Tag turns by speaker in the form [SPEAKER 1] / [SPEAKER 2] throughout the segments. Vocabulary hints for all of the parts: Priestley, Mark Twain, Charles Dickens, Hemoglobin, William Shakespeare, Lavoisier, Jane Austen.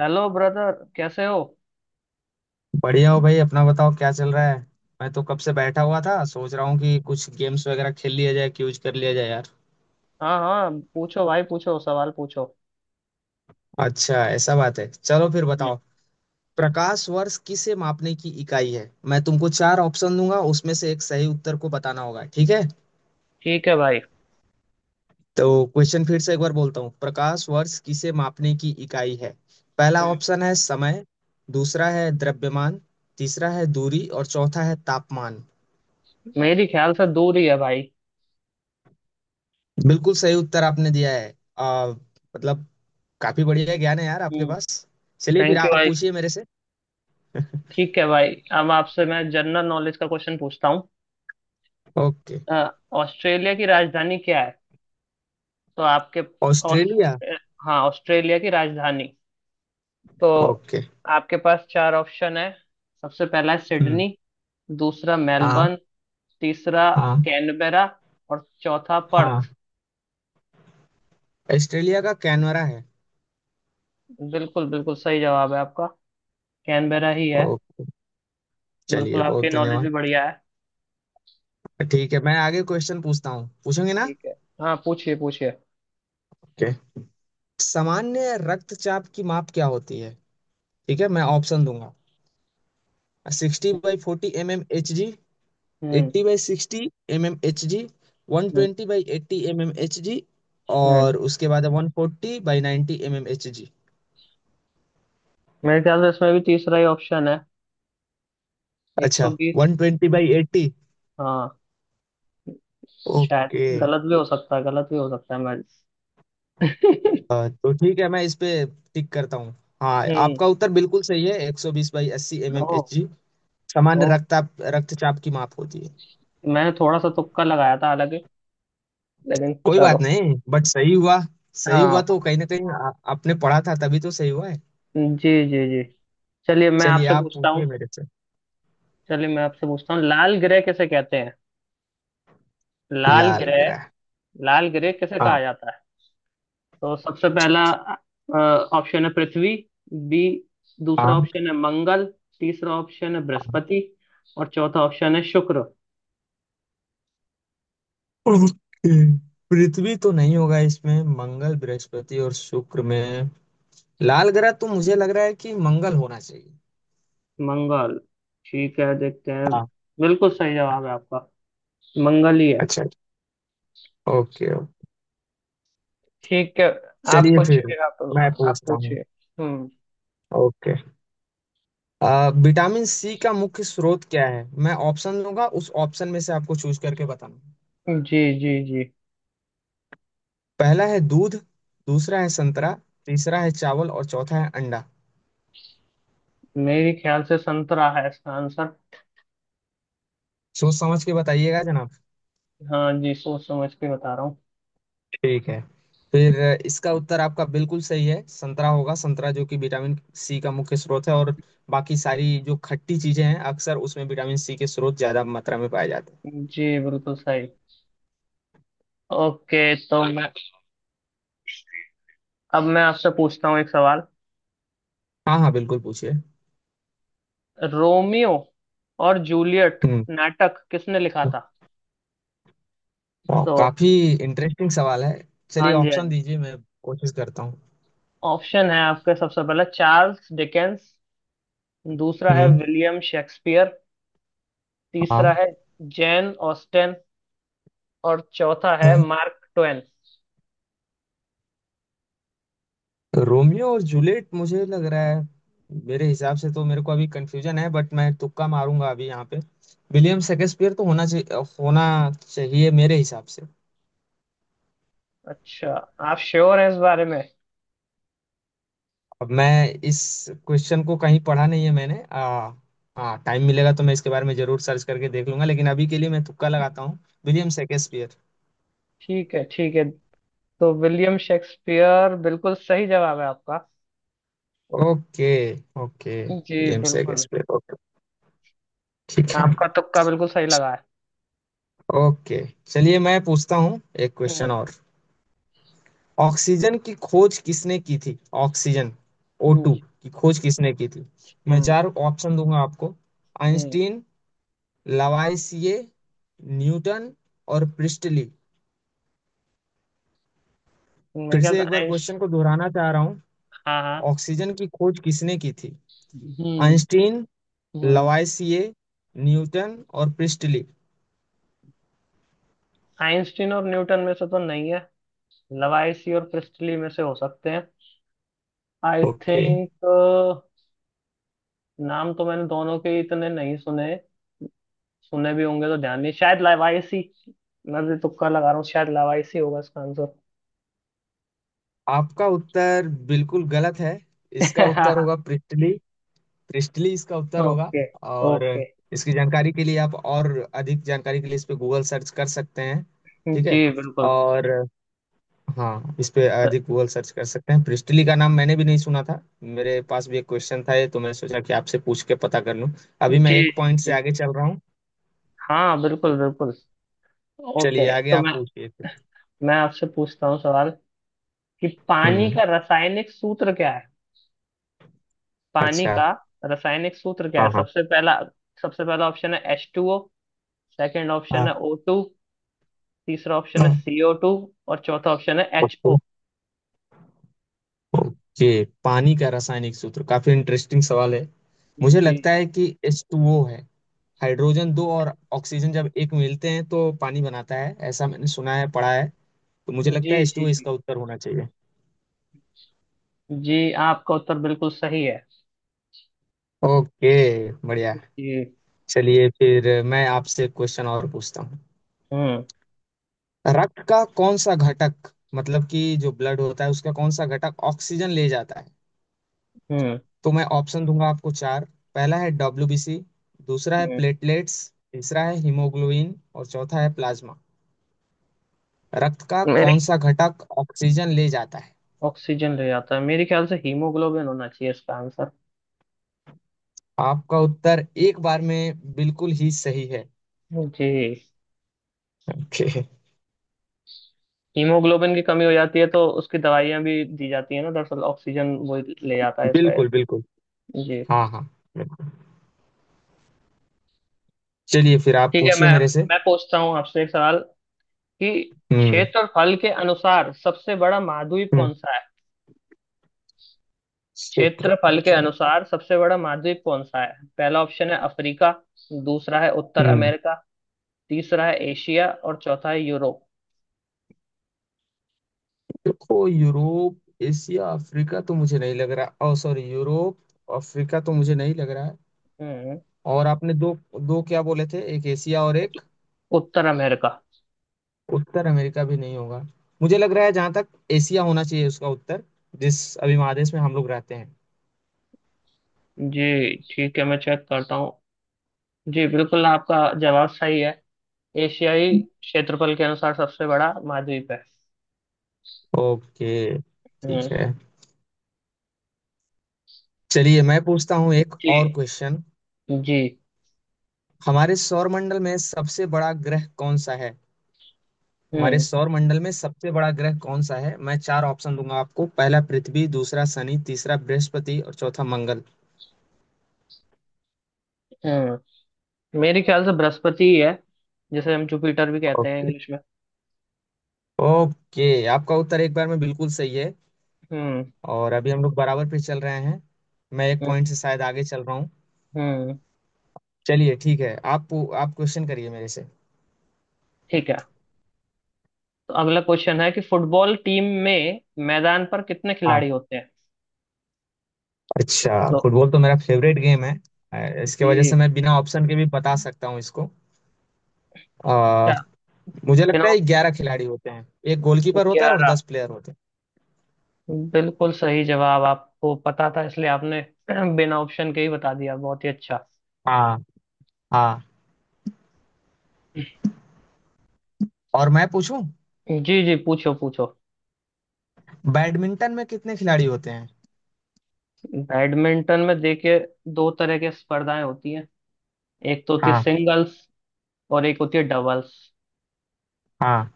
[SPEAKER 1] Hello brother, कैसे हो।
[SPEAKER 2] बढ़िया हो भाई। अपना बताओ क्या चल रहा है। मैं तो कब से बैठा हुआ था, सोच रहा हूँ कि कुछ गेम्स वगैरह खेल लिया जाए, क्यूज कर लिया जाए यार।
[SPEAKER 1] हाँ हाँ, पूछो भाई, पूछो सवाल, पूछो।
[SPEAKER 2] अच्छा ऐसा बात है, चलो फिर
[SPEAKER 1] हम्म।
[SPEAKER 2] बताओ। प्रकाश वर्ष किसे मापने की इकाई है? मैं तुमको चार ऑप्शन दूंगा, उसमें से एक सही उत्तर को बताना होगा। ठीक है,
[SPEAKER 1] ठीक है भाई।
[SPEAKER 2] तो क्वेश्चन फिर से एक बार बोलता हूँ। प्रकाश वर्ष किसे मापने की इकाई है? पहला
[SPEAKER 1] हम्म।
[SPEAKER 2] ऑप्शन है समय, दूसरा है द्रव्यमान, तीसरा है दूरी और चौथा है तापमान।
[SPEAKER 1] मेरी ख्याल से दूर ही है भाई।
[SPEAKER 2] बिल्कुल सही उत्तर आपने दिया है। आ, मतलब काफी बढ़िया ज्ञान है यार आपके
[SPEAKER 1] हम्म,
[SPEAKER 2] पास। चलिए फिर
[SPEAKER 1] थैंक यू
[SPEAKER 2] आप
[SPEAKER 1] भाई।
[SPEAKER 2] पूछिए मेरे से।
[SPEAKER 1] ठीक है भाई। अब आपसे मैं जनरल नॉलेज का क्वेश्चन पूछता हूँ।
[SPEAKER 2] ओके।
[SPEAKER 1] अ, ऑस्ट्रेलिया की राजधानी क्या है। तो आपके ऑस-
[SPEAKER 2] ऑस्ट्रेलिया।
[SPEAKER 1] अ, हाँ, ऑस्ट्रेलिया की राजधानी। तो
[SPEAKER 2] ओके।
[SPEAKER 1] आपके पास चार ऑप्शन है। सबसे पहला है
[SPEAKER 2] हम्म।
[SPEAKER 1] सिडनी। दूसरा
[SPEAKER 2] हाँ।
[SPEAKER 1] मेलबर्न। तीसरा
[SPEAKER 2] हाँ।
[SPEAKER 1] कैनबेरा। और चौथा
[SPEAKER 2] हाँ।
[SPEAKER 1] पर्थ।
[SPEAKER 2] ऑस्ट्रेलिया का कैनवरा है।
[SPEAKER 1] बिल्कुल बिल्कुल सही जवाब है आपका। कैनबेरा ही है।
[SPEAKER 2] ओके,
[SPEAKER 1] बिल्कुल,
[SPEAKER 2] चलिए बहुत
[SPEAKER 1] आपके नॉलेज भी
[SPEAKER 2] धन्यवाद।
[SPEAKER 1] बढ़िया है।
[SPEAKER 2] ठीक है, मैं आगे क्वेश्चन पूछता हूँ, पूछेंगे ना?
[SPEAKER 1] ठीक है। हाँ, पूछिए पूछिए।
[SPEAKER 2] ओके। सामान्य रक्तचाप की माप क्या होती है? ठीक है, मैं ऑप्शन दूंगा। 60/40 mmHg,
[SPEAKER 1] hmm
[SPEAKER 2] 80/60 mmHg, one
[SPEAKER 1] hmm
[SPEAKER 2] twenty by eighty M M H G
[SPEAKER 1] hmm.
[SPEAKER 2] और उसके बाद 140/90 mmHg।
[SPEAKER 1] मेरे ख्याल से इसमें भी तीसरा ही ऑप्शन है। एक
[SPEAKER 2] अच्छा,
[SPEAKER 1] सौ बीस
[SPEAKER 2] 120/80।
[SPEAKER 1] हाँ। शायद।
[SPEAKER 2] ओके।
[SPEAKER 1] गलत भी हो सकता है, गलत भी हो सकता है मैं।
[SPEAKER 2] तो ठीक है, मैं इस पे टिक करता हूँ। हाँ,
[SPEAKER 1] हम्म।
[SPEAKER 2] आपका उत्तर बिल्कुल सही है। एक सौ बीस बाई अस्सी एम एम
[SPEAKER 1] ओ,
[SPEAKER 2] एच जी
[SPEAKER 1] ओ।
[SPEAKER 2] सामान्य रक्ताप रक्तचाप की माप होती है।
[SPEAKER 1] मैंने थोड़ा सा तुक्का लगाया था हालांकि। लेकिन
[SPEAKER 2] कोई बात
[SPEAKER 1] चलो।
[SPEAKER 2] नहीं, बट सही हुआ। सही हुआ
[SPEAKER 1] हाँ,
[SPEAKER 2] तो कहीं ना कहीं आपने पढ़ा था, तभी तो सही हुआ है।
[SPEAKER 1] जी जी जी। चलिए, मैं
[SPEAKER 2] चलिए
[SPEAKER 1] आपसे
[SPEAKER 2] आप
[SPEAKER 1] पूछता
[SPEAKER 2] पूछिए
[SPEAKER 1] हूँ।
[SPEAKER 2] मेरे से।
[SPEAKER 1] चलिए, मैं आपसे पूछता हूँ, लाल ग्रह किसे कहते हैं। लाल
[SPEAKER 2] लाल
[SPEAKER 1] ग्रह।
[SPEAKER 2] ग्रह।
[SPEAKER 1] लाल ग्रह किसे
[SPEAKER 2] हाँ।
[SPEAKER 1] कहा जाता है। तो सबसे पहला ऑप्शन है पृथ्वी। बी। दूसरा
[SPEAKER 2] हाँ।
[SPEAKER 1] ऑप्शन है मंगल। तीसरा ऑप्शन है
[SPEAKER 2] हाँ।
[SPEAKER 1] बृहस्पति। और चौथा ऑप्शन है शुक्र।
[SPEAKER 2] ओके। पृथ्वी तो नहीं होगा, इसमें मंगल, बृहस्पति और शुक्र में लाल ग्रह तो मुझे लग रहा है कि मंगल होना चाहिए।
[SPEAKER 1] मंगल। ठीक है, देखते हैं।
[SPEAKER 2] हाँ।
[SPEAKER 1] बिल्कुल सही जवाब है आपका। मंगल ही है।
[SPEAKER 2] अच्छा, ओके ओके।
[SPEAKER 1] ठीक है। आप
[SPEAKER 2] चलिए फिर
[SPEAKER 1] पूछिए आप।
[SPEAKER 2] मैं
[SPEAKER 1] आप
[SPEAKER 2] पूछता हूँ।
[SPEAKER 1] पूछिए। हम्म।
[SPEAKER 2] ओके। विटामिन सी का मुख्य स्रोत क्या है? मैं ऑप्शन दूंगा, उस ऑप्शन में से आपको चूज करके बताना।
[SPEAKER 1] जी जी जी।
[SPEAKER 2] पहला है दूध, दूसरा है संतरा, तीसरा है चावल और चौथा है अंडा।
[SPEAKER 1] मेरे ख्याल से संतरा है इसका आंसर।
[SPEAKER 2] सोच समझ के बताइएगा जनाब।
[SPEAKER 1] हाँ जी, सोच समझ के बता रहा हूँ।
[SPEAKER 2] ठीक है, फिर इसका उत्तर आपका बिल्कुल सही है। संतरा होगा, संतरा, जो कि विटामिन सी का मुख्य स्रोत है, और बाकी सारी जो खट्टी चीजें हैं अक्सर उसमें विटामिन सी के स्रोत ज्यादा मात्रा में पाए जाते हैं।
[SPEAKER 1] जी, बिल्कुल सही। ओके, तो मैं। अब मैं आपसे पूछता हूँ एक सवाल।
[SPEAKER 2] हाँ हाँ, बिल्कुल पूछिए।
[SPEAKER 1] रोमियो और जूलियट
[SPEAKER 2] हम्म।
[SPEAKER 1] नाटक किसने लिखा था।
[SPEAKER 2] वाह,
[SPEAKER 1] तो।
[SPEAKER 2] काफी इंटरेस्टिंग सवाल है।
[SPEAKER 1] हाँ
[SPEAKER 2] चलिए
[SPEAKER 1] जी, हाँ
[SPEAKER 2] ऑप्शन
[SPEAKER 1] जी।
[SPEAKER 2] दीजिए, मैं कोशिश करता हूँ।
[SPEAKER 1] ऑप्शन है आपके, सबसे पहला चार्ल्स डिकेंस। दूसरा है
[SPEAKER 2] हम्म।
[SPEAKER 1] William Shakespeare. तीसरा
[SPEAKER 2] हाँ।
[SPEAKER 1] है जैन ऑस्टेन। और चौथा है
[SPEAKER 2] हाँ।
[SPEAKER 1] Mark Twain.
[SPEAKER 2] रोमियो और जूलियट मुझे लग रहा है, मेरे हिसाब से तो मेरे को अभी कंफ्यूजन है, बट मैं तुक्का मारूंगा अभी यहाँ पे। विलियम शेक्सपियर तो होना चाहिए, होना चाहिए मेरे हिसाब से।
[SPEAKER 1] अच्छा। आप श्योर हैं इस बारे में?
[SPEAKER 2] अब मैं इस क्वेश्चन को कहीं पढ़ा नहीं है मैंने। हाँ, टाइम मिलेगा तो मैं इसके बारे में जरूर सर्च करके देख लूंगा, लेकिन अभी के लिए मैं तुक्का लगाता हूँ, विलियम शेक्सपियर।
[SPEAKER 1] ठीक है ठीक है। तो विलियम शेक्सपियर बिल्कुल सही जवाब है आपका।
[SPEAKER 2] ओके। ओके,
[SPEAKER 1] जी
[SPEAKER 2] विलियम
[SPEAKER 1] बिल्कुल।
[SPEAKER 2] Shakespeare, okay. ठीक है।
[SPEAKER 1] आपका तुक्का बिल्कुल सही लगा है।
[SPEAKER 2] ओके, चलिए मैं पूछता हूँ एक क्वेश्चन
[SPEAKER 1] हम्म।
[SPEAKER 2] और। ऑक्सीजन की खोज किसने की थी? ऑक्सीजन, O2
[SPEAKER 1] जी।
[SPEAKER 2] की खोज किसने की थी? मैं
[SPEAKER 1] हम्म
[SPEAKER 2] चार ऑप्शन दूंगा आपको।
[SPEAKER 1] हम्म।
[SPEAKER 2] आइंस्टीन, लवाइसिए, न्यूटन और प्रिस्टली।
[SPEAKER 1] मेरे
[SPEAKER 2] फिर
[SPEAKER 1] ख्याल
[SPEAKER 2] से
[SPEAKER 1] से
[SPEAKER 2] एक बार
[SPEAKER 1] आइंस
[SPEAKER 2] क्वेश्चन को दोहराना चाह रहा हूँ।
[SPEAKER 1] हाँ हाँ।
[SPEAKER 2] ऑक्सीजन की खोज किसने की थी?
[SPEAKER 1] हम्म
[SPEAKER 2] आइंस्टीन,
[SPEAKER 1] हम्म।
[SPEAKER 2] लवाइसिए, न्यूटन और प्रिस्टली।
[SPEAKER 1] आइंस्टीन और न्यूटन में से तो नहीं है। लवाइसी और प्रिस्टली में से हो सकते हैं। I
[SPEAKER 2] okay.
[SPEAKER 1] थिंक। नाम तो मैंने दोनों के इतने नहीं सुने। सुने भी होंगे तो ध्यान नहीं, शायद लवाइसी। मैं भी तुक्का लगा रहा हूँ, शायद लवाइसी होगा इसका आंसर।
[SPEAKER 2] आपका उत्तर बिल्कुल गलत है। इसका उत्तर होगा प्रिस्टली। क्रिस्टली इसका उत्तर होगा।
[SPEAKER 1] ओके
[SPEAKER 2] और
[SPEAKER 1] ओके।
[SPEAKER 2] इसकी जानकारी के लिए आप और अधिक जानकारी के लिए इस पे गूगल सर्च कर सकते हैं। ठीक
[SPEAKER 1] जी
[SPEAKER 2] है।
[SPEAKER 1] बिल्कुल।
[SPEAKER 2] और हाँ, इस पे
[SPEAKER 1] सर।
[SPEAKER 2] अधिक गूगल सर्च कर सकते हैं। प्रिस्टली का नाम मैंने भी नहीं सुना था, मेरे पास भी एक क्वेश्चन था ये, तो मैं सोचा कि आपसे पूछ के पता कर लूं। अभी मैं
[SPEAKER 1] जी
[SPEAKER 2] एक
[SPEAKER 1] जी
[SPEAKER 2] पॉइंट से
[SPEAKER 1] जी।
[SPEAKER 2] आगे चल रहा हूँ।
[SPEAKER 1] हाँ, बिल्कुल बिल्कुल। ओके,
[SPEAKER 2] चलिए आगे,
[SPEAKER 1] तो
[SPEAKER 2] आप
[SPEAKER 1] मैं
[SPEAKER 2] पूछिए।
[SPEAKER 1] मैं आपसे पूछता हूँ सवाल, कि पानी
[SPEAKER 2] हम्म।
[SPEAKER 1] का रासायनिक सूत्र क्या है। पानी
[SPEAKER 2] अच्छा।
[SPEAKER 1] का रासायनिक सूत्र क्या है।
[SPEAKER 2] हाँ हाँ।
[SPEAKER 1] सबसे पहला ऑप्शन है H two O. Second option है
[SPEAKER 2] हाँ।
[SPEAKER 1] O two. तीसरा ऑप्शन है
[SPEAKER 2] हाँ।
[SPEAKER 1] CO two. और चौथा ऑप्शन है एच
[SPEAKER 2] ओके।
[SPEAKER 1] ओ।
[SPEAKER 2] ओके, पानी का रासायनिक सूत्र काफी इंटरेस्टिंग सवाल है। मुझे
[SPEAKER 1] जी
[SPEAKER 2] लगता है कि एच टू ओ है। हाइड्रोजन दो और ऑक्सीजन जब एक मिलते हैं तो पानी बनाता है, ऐसा मैंने सुना है, पढ़ा है। तो मुझे लगता
[SPEAKER 1] जी
[SPEAKER 2] है
[SPEAKER 1] जी।
[SPEAKER 2] H2
[SPEAKER 1] जी।
[SPEAKER 2] इसका उत्तर होना चाहिए।
[SPEAKER 1] जी आपका उत्तर बिल्कुल सही है।
[SPEAKER 2] ओके, बढ़िया।
[SPEAKER 1] जी।
[SPEAKER 2] चलिए फिर मैं आपसे क्वेश्चन और पूछता हूँ।
[SPEAKER 1] हम्म
[SPEAKER 2] रक्त का कौन सा घटक, मतलब कि जो ब्लड होता है उसका कौन सा घटक ऑक्सीजन ले जाता है?
[SPEAKER 1] हम्म
[SPEAKER 2] तो मैं ऑप्शन दूंगा आपको चार। पहला है डब्ल्यूबीसी, दूसरा है
[SPEAKER 1] हम्म।
[SPEAKER 2] प्लेटलेट्स, तीसरा है हीमोग्लोबिन और चौथा है प्लाज्मा। रक्त का कौन
[SPEAKER 1] मेरे
[SPEAKER 2] सा घटक ऑक्सीजन ले जाता है?
[SPEAKER 1] ऑक्सीजन ले जाता है, मेरे ख्याल से हीमोग्लोबिन होना चाहिए इसका आंसर।
[SPEAKER 2] आपका उत्तर एक बार में बिल्कुल ही सही है।
[SPEAKER 1] जी।
[SPEAKER 2] ओके।
[SPEAKER 1] हीमोग्लोबिन की कमी हो जाती है तो उसकी दवाइयां भी दी जाती है ना, दरअसल ऑक्सीजन वो ले जाता है इस वजह
[SPEAKER 2] बिल्कुल बिल्कुल।
[SPEAKER 1] से। जी,
[SPEAKER 2] हाँ हाँ, बिल्कुल। चलिए फिर आप
[SPEAKER 1] ठीक है।
[SPEAKER 2] पूछिए
[SPEAKER 1] मैं
[SPEAKER 2] मेरे से।
[SPEAKER 1] मैं पूछता हूँ आपसे एक सवाल, कि
[SPEAKER 2] हम्म।
[SPEAKER 1] क्षेत्रफल के अनुसार सबसे बड़ा महाद्वीप
[SPEAKER 2] हम्म।
[SPEAKER 1] कौन सा है।
[SPEAKER 2] क्षेत्रफल
[SPEAKER 1] क्षेत्रफल के
[SPEAKER 2] के अनुसार।
[SPEAKER 1] अनुसार सबसे बड़ा महाद्वीप कौन सा है। पहला ऑप्शन है अफ्रीका। दूसरा है उत्तर
[SPEAKER 2] हम्म।
[SPEAKER 1] अमेरिका। तीसरा है एशिया। और चौथा है यूरोप।
[SPEAKER 2] देखो, यूरोप एशिया अफ्रीका तो मुझे नहीं लग रहा, ओ सॉरी, यूरोप अफ्रीका तो मुझे नहीं लग रहा है।
[SPEAKER 1] हम्म।
[SPEAKER 2] और आपने दो, दो क्या बोले थे? एक एशिया और एक
[SPEAKER 1] उत्तर अमेरिका।
[SPEAKER 2] उत्तर अमेरिका भी नहीं होगा। मुझे लग रहा है जहां तक एशिया होना चाहिए उसका उत्तर, जिस अभी महादेश में हम लोग रहते हैं।
[SPEAKER 1] जी ठीक है, मैं चेक करता हूँ। जी बिल्कुल, आपका जवाब सही है। एशियाई क्षेत्रफल के अनुसार सबसे बड़ा महाद्वीप है।
[SPEAKER 2] ओके,
[SPEAKER 1] हम्म।
[SPEAKER 2] ठीक है। चलिए मैं पूछता हूँ एक
[SPEAKER 1] जी।
[SPEAKER 2] और क्वेश्चन।
[SPEAKER 1] जी।
[SPEAKER 2] हमारे सौरमंडल में सबसे बड़ा ग्रह कौन सा है? हमारे
[SPEAKER 1] हम्म।
[SPEAKER 2] सौरमंडल में सबसे बड़ा ग्रह कौन सा है? मैं चार ऑप्शन दूंगा आपको। पहला पृथ्वी, दूसरा शनि, तीसरा बृहस्पति और चौथा मंगल।
[SPEAKER 1] हम्म। मेरे ख्याल से बृहस्पति ही है। जिसे हम जुपिटर भी कहते हैं
[SPEAKER 2] ओके
[SPEAKER 1] इंग्लिश में।
[SPEAKER 2] ओके, आपका उत्तर एक बार में बिल्कुल सही है।
[SPEAKER 1] हम्म।
[SPEAKER 2] और अभी हम लोग बराबर पे चल रहे हैं, मैं एक
[SPEAKER 1] हम्म
[SPEAKER 2] पॉइंट से शायद आगे चल रहा हूँ।
[SPEAKER 1] हम्म।
[SPEAKER 2] चलिए ठीक है, आप क्वेश्चन करिए मेरे से।
[SPEAKER 1] ठीक है, तो अगला क्वेश्चन है, कि फुटबॉल टीम में मैदान पर कितने
[SPEAKER 2] हाँ,
[SPEAKER 1] खिलाड़ी होते हैं।
[SPEAKER 2] अच्छा,
[SPEAKER 1] तो
[SPEAKER 2] फुटबॉल तो मेरा फेवरेट गेम है। इसके वजह
[SPEAKER 1] ये
[SPEAKER 2] से मैं बिना ऑप्शन के भी बता सकता हूँ इसको। अ,
[SPEAKER 1] क्या,
[SPEAKER 2] मुझे
[SPEAKER 1] बिना
[SPEAKER 2] लगता है
[SPEAKER 1] ऑप्शन।
[SPEAKER 2] 11 खिलाड़ी होते हैं। एक गोलकीपर होता है और
[SPEAKER 1] 11।
[SPEAKER 2] 10 प्लेयर होते हैं।
[SPEAKER 1] बिल्कुल सही जवाब, आपको पता था इसलिए आपने बिना ऑप्शन के ही बता दिया, बहुत ही अच्छा।
[SPEAKER 2] हाँ। हाँ। और मैं पूछूं,
[SPEAKER 1] जी जी, पूछो पूछो।
[SPEAKER 2] बैडमिंटन में कितने खिलाड़ी होते हैं?
[SPEAKER 1] बैडमिंटन में देखिए, दो तरह की स्पर्धाएं होती हैं। एक तो होती है
[SPEAKER 2] हाँ
[SPEAKER 1] सिंगल्स। और एक होती है डबल्स।
[SPEAKER 2] हाँ,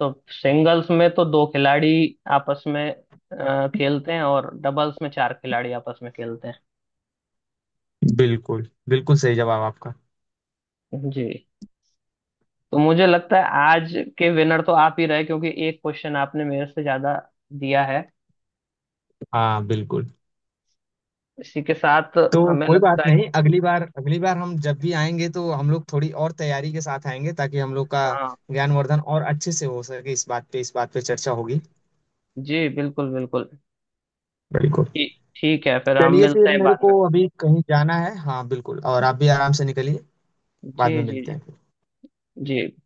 [SPEAKER 1] तो सिंगल्स में तो दो खिलाड़ी आपस में खेलते हैं, और डबल्स में चार खिलाड़ी आपस में खेलते
[SPEAKER 2] बिल्कुल बिल्कुल सही जवाब आपका।
[SPEAKER 1] हैं जी। तो मुझे लगता है आज के विनर तो आप ही रहे, क्योंकि एक क्वेश्चन आपने मेरे से ज्यादा दिया है।
[SPEAKER 2] हाँ बिल्कुल।
[SPEAKER 1] इसी के साथ
[SPEAKER 2] तो
[SPEAKER 1] हमें
[SPEAKER 2] कोई बात
[SPEAKER 1] लगता है
[SPEAKER 2] नहीं,
[SPEAKER 1] कि
[SPEAKER 2] अगली बार, अगली बार हम जब भी आएंगे तो हम लोग थोड़ी और तैयारी के साथ आएंगे, ताकि हम लोग का
[SPEAKER 1] हाँ।
[SPEAKER 2] ज्ञानवर्धन और अच्छे से हो सके। इस बात पे चर्चा होगी।
[SPEAKER 1] जी बिल्कुल बिल्कुल।
[SPEAKER 2] बिल्कुल।
[SPEAKER 1] ठी- ठीक है फिर, हम
[SPEAKER 2] चलिए
[SPEAKER 1] मिलते
[SPEAKER 2] फिर,
[SPEAKER 1] हैं
[SPEAKER 2] मेरे
[SPEAKER 1] बाद
[SPEAKER 2] को
[SPEAKER 1] में।
[SPEAKER 2] अभी कहीं जाना है। हाँ बिल्कुल, और आप भी आराम से निकलिए।
[SPEAKER 1] जी
[SPEAKER 2] बाद में
[SPEAKER 1] जी
[SPEAKER 2] मिलते
[SPEAKER 1] जी
[SPEAKER 2] हैं।
[SPEAKER 1] जी।